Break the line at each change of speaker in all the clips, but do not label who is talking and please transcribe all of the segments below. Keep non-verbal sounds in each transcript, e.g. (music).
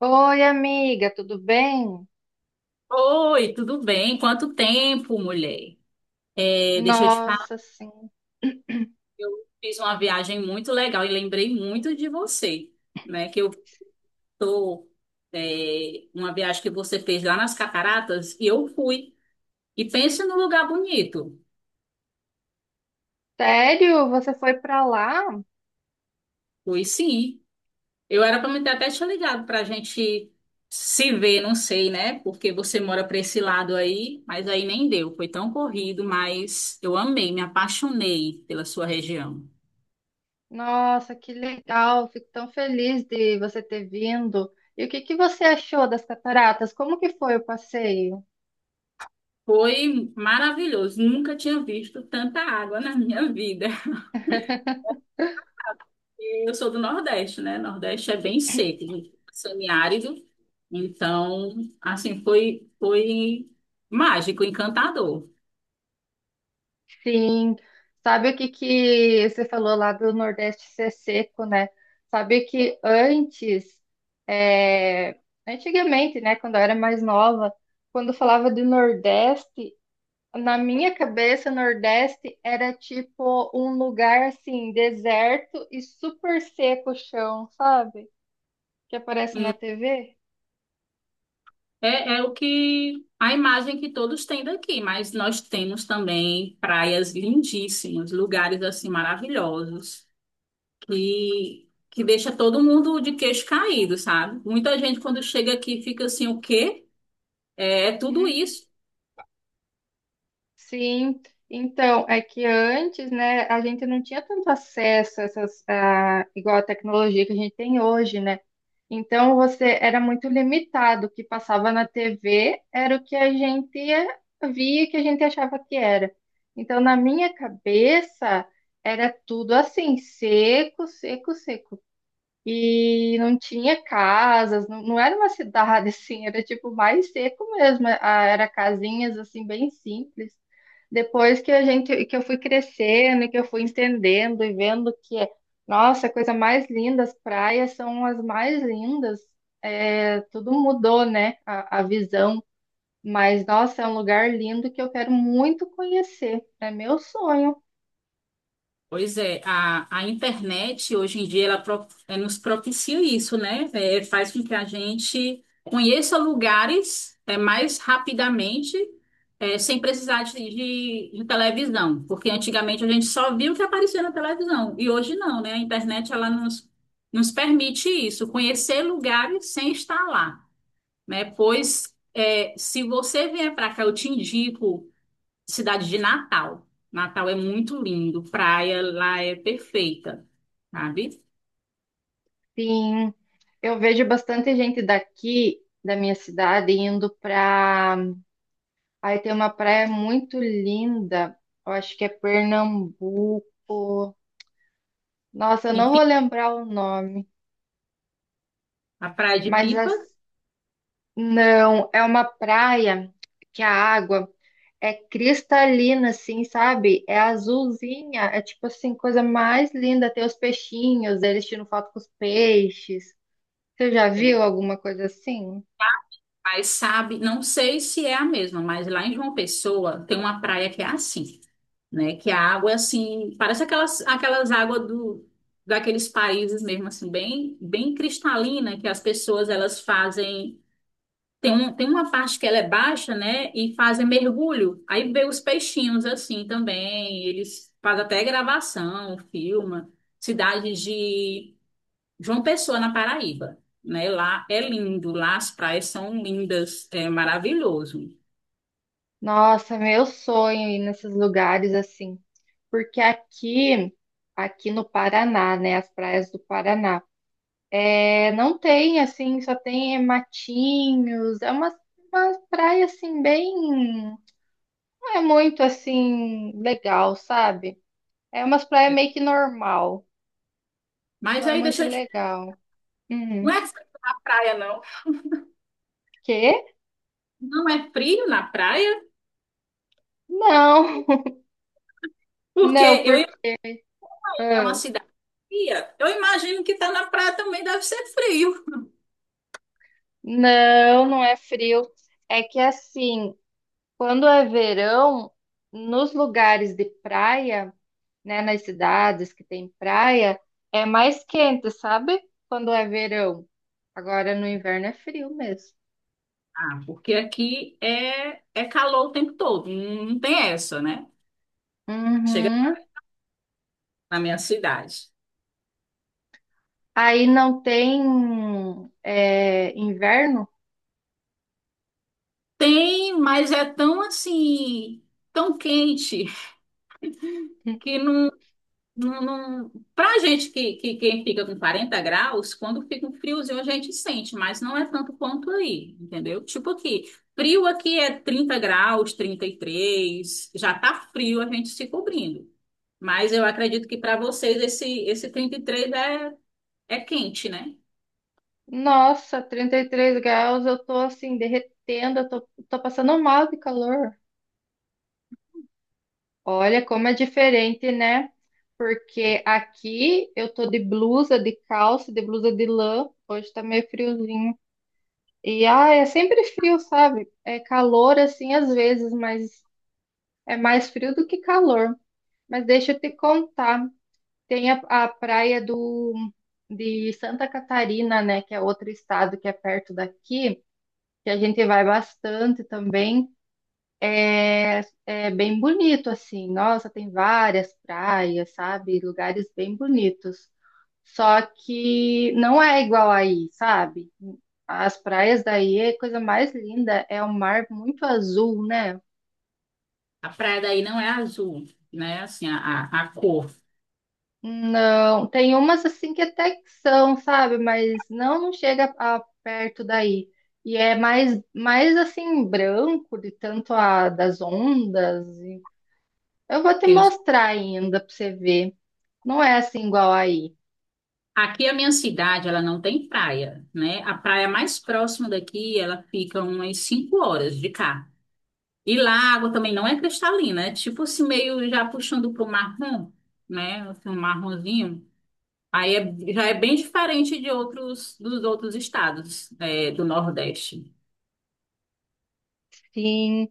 Oi, amiga, tudo bem?
Oi, tudo bem? Quanto tempo, mulher? É, deixa eu te falar,
Nossa, sim.
eu fiz uma viagem muito legal e lembrei muito de você, né? Que eu tô, é, uma viagem que você fez lá nas Cataratas e eu fui. E pense num lugar bonito.
Sério? Você foi pra lá?
Fui sim. Eu era para me ter até te ligado para a gente se ver, não sei, né? Porque você mora para esse lado aí, mas aí nem deu. Foi tão corrido, mas eu amei, me apaixonei pela sua região.
Nossa, que legal. Fico tão feliz de você ter vindo. E o que que você achou das cataratas? Como que foi o passeio?
Foi maravilhoso. Nunca tinha visto tanta água na minha vida. E eu sou do Nordeste, né? Nordeste é bem seco, semiárido. Então, assim, foi mágico, encantador.
Sim. Sabe o que que você falou lá do Nordeste ser seco, né? Sabe que antes, é, antigamente, né, quando eu era mais nova, quando falava de Nordeste, na minha cabeça, Nordeste era tipo um lugar assim, deserto e super seco o chão, sabe? Que aparece na
Hum,
TV.
É, é o que a imagem que todos têm daqui, mas nós temos também praias lindíssimas, lugares assim maravilhosos, que deixa todo mundo de queixo caído, sabe? Muita gente quando chega aqui fica assim, o quê? É tudo isso.
Sim, então, é que antes, né, a gente não tinha tanto acesso a essas, igual a tecnologia que a gente tem hoje, né? Então, você era muito limitado. O que passava na TV era o que a gente via, que a gente achava que era. Então, na minha cabeça, era tudo assim, seco, seco, seco e não tinha casas, não, não era uma cidade (laughs) assim, era tipo mais seco mesmo, era casinhas assim bem simples. Depois que que eu fui crescendo, e que eu fui entendendo e vendo que, nossa, a coisa mais linda, as praias são as mais lindas. É, tudo mudou, né? A visão. Mas, nossa, é um lugar lindo que eu quero muito conhecer. É meu sonho.
Pois é, a internet hoje em dia ela nos propicia isso, né? Faz com que a gente conheça lugares mais rapidamente, sem precisar de televisão, porque antigamente a gente só via o que aparecia na televisão e hoje não, né? A internet ela nos, nos permite isso, conhecer lugares sem estar lá, né? Pois se você vier para cá, eu te indico. Cidade de Natal. Natal é muito lindo, praia lá é perfeita, sabe?
Sim. Eu vejo bastante gente daqui da minha cidade indo pra. Aí tem uma praia muito linda. Eu acho que é Pernambuco. Nossa, eu
Em
não vou
Pi-
lembrar o nome,
a praia de
mas
Pipa,
as- não, é uma praia que a água é cristalina, assim, sabe? É azulzinha, é tipo assim, coisa mais linda. Tem os peixinhos, eles tiram foto com os peixes. Você já
é,
viu alguma coisa assim?
mas sabe, não sei se é a mesma, mas lá em João Pessoa tem uma praia que é assim, né? Que a água é assim, parece aquelas águas do daqueles países mesmo assim, bem cristalina, que as pessoas elas fazem. Tem uma parte que ela é baixa, né? E fazem mergulho. Aí vê os peixinhos assim também. Eles fazem até gravação, filma. Cidade de João Pessoa, na Paraíba. Né? Lá é lindo, lá as praias são lindas, é maravilhoso.
Nossa, meu sonho ir nesses lugares assim, porque aqui no Paraná, né, as praias do Paraná, não tem assim, só tem matinhos, é uma praia assim bem, não é muito assim legal, sabe? É umas praias meio que normal, não
Mas
é
aí
muito
deixa eu te...
legal.
Não
Uhum.
é frio na praia, não.
Quê?
Não é frio na praia,
Não, (laughs)
porque
não,
eu
porque
é uma
ah,
cidade fria. Eu imagino que tá na praia também deve ser frio.
não, não é frio. É que assim, quando é verão, nos lugares de praia, né, nas cidades que tem praia, é mais quente, sabe? Quando é verão. Agora no inverno é frio mesmo.
Ah, porque aqui é, é calor o tempo todo, não tem essa, né? Chega
Uhum.
na minha cidade.
Aí não tem inverno?
Tem, mas é tão assim, tão quente, que não... Pra gente que fica com 40 graus, quando fica um friozinho a gente sente, mas não é tanto quanto aí, entendeu? Tipo aqui, frio aqui é 30 graus, 33 já tá frio a gente se cobrindo. Mas eu acredito que para vocês esse 33 é, é quente, né?
Nossa, 33 graus, eu tô assim derretendo, eu tô passando mal de calor. Olha como é diferente, né? Porque aqui eu tô de blusa, de calça, de blusa de lã. Hoje tá meio friozinho. E é sempre frio, sabe? É calor assim às vezes, mas é mais frio do que calor. Mas deixa eu te contar. Tem a praia do de Santa Catarina, né, que é outro estado que é perto daqui, que a gente vai bastante também. É bem bonito, assim. Nossa, tem várias praias, sabe? Lugares bem bonitos. Só que não é igual aí, sabe? As praias daí é a coisa mais linda, é o mar muito azul, né?
A praia daí não é azul, né? Assim, a cor.
Não, tem umas assim que até que são, sabe? Mas não chega perto daí. E é mais assim, branco, de tanto a das ondas. Eu vou te
Eu-
mostrar ainda pra você ver. Não é assim igual aí.
Aqui a minha cidade, ela não tem praia, né? A praia mais próxima daqui, ela fica umas 5 horas de cá. E lá a água também não é cristalina, é tipo assim, meio já puxando pro marrom, né? Assim, um marronzinho. Já é bem diferente dos outros estados, é, do Nordeste.
Sim,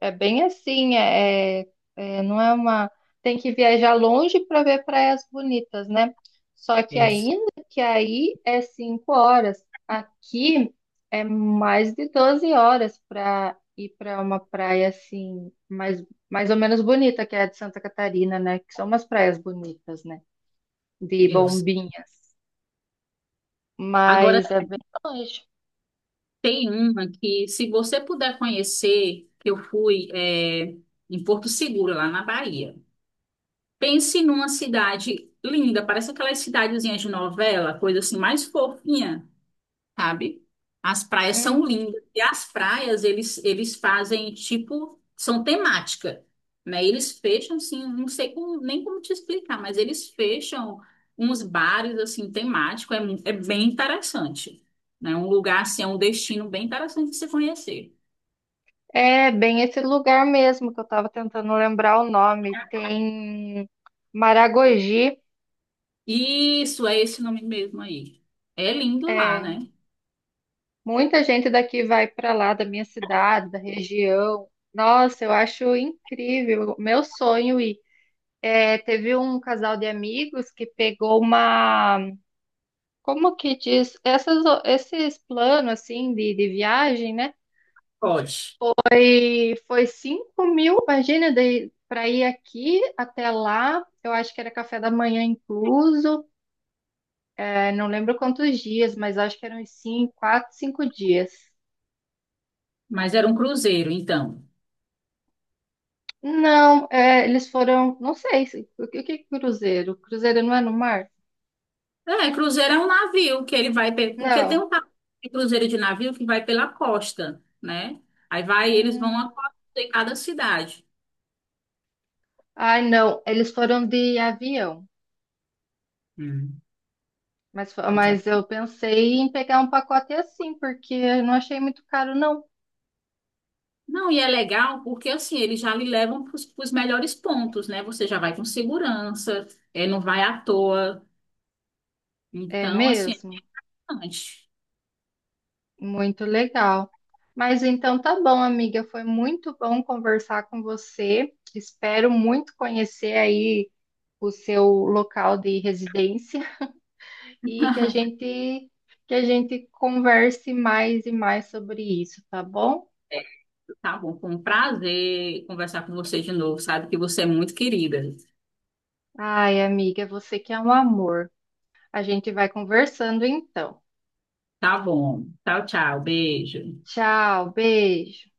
é bem assim, não é uma. Tem que viajar longe para ver praias bonitas, né? Só
É
que
isso.
ainda que aí é 5 horas. Aqui é mais de 12 horas para ir para uma praia assim, mais ou menos bonita, que é a de Santa Catarina, né? Que são umas praias bonitas, né? De
Isso.
bombinhas.
Agora
Mas é bem longe.
tem uma que, se você puder conhecer, que eu fui é, em Porto Seguro, lá na Bahia. Pense numa cidade linda, parece aquelas cidadezinhas de novela, coisa assim mais fofinha, sabe? As praias são
Uhum.
lindas e as praias eles fazem tipo são temática, né? Eles fecham assim, não sei nem como te explicar, mas eles fecham uns bares assim temáticos é, é bem interessante, né? Um lugar assim, é um destino bem interessante de se conhecer.
É bem esse lugar mesmo que eu estava tentando lembrar o nome. Tem Maragogi.
Isso é esse nome mesmo aí. É lindo lá,
É,
né?
muita gente daqui vai para lá, da minha cidade, da região. Nossa, eu acho incrível. Meu sonho ir. É, teve um casal de amigos que pegou uma, como que diz, esses planos assim de viagem, né?
Pode.
Foi 5 mil, imagina, para ir aqui até lá. Eu acho que era café da manhã incluso. É, não lembro quantos dias, mas acho que eram uns 5, 4, 5 dias.
Mas era um cruzeiro, então.
Não, eles foram. Não sei. O que é cruzeiro? Cruzeiro não é no mar?
É, cruzeiro é um navio que ele vai, porque tem
Não.
um de cruzeiro de navio que vai pela costa, né? Aí vai, eles vão a
Hum,
costa de cada cidade.
ai, não. Eles foram de avião.
Uhum.
Mas, fo-
Mas é-
mas eu pensei em pegar um pacote assim, porque eu não achei muito caro, não.
Não, e é legal porque assim, eles já lhe levam para os melhores pontos, né? Você já vai com segurança, é, não vai à toa.
É
Então, assim, é
mesmo?
importante.
Muito legal. Mas então tá bom, amiga. Foi muito bom conversar com você. Espero muito conhecer aí o seu local de residência (laughs) e que a gente converse mais e mais sobre isso, tá bom?
É, tá bom, foi um prazer conversar com você de novo, sabe que você é muito querida.
Ai, amiga, você que é um amor. A gente vai conversando então.
Tá bom. Tchau, tchau. Beijo.
Tchau, beijo.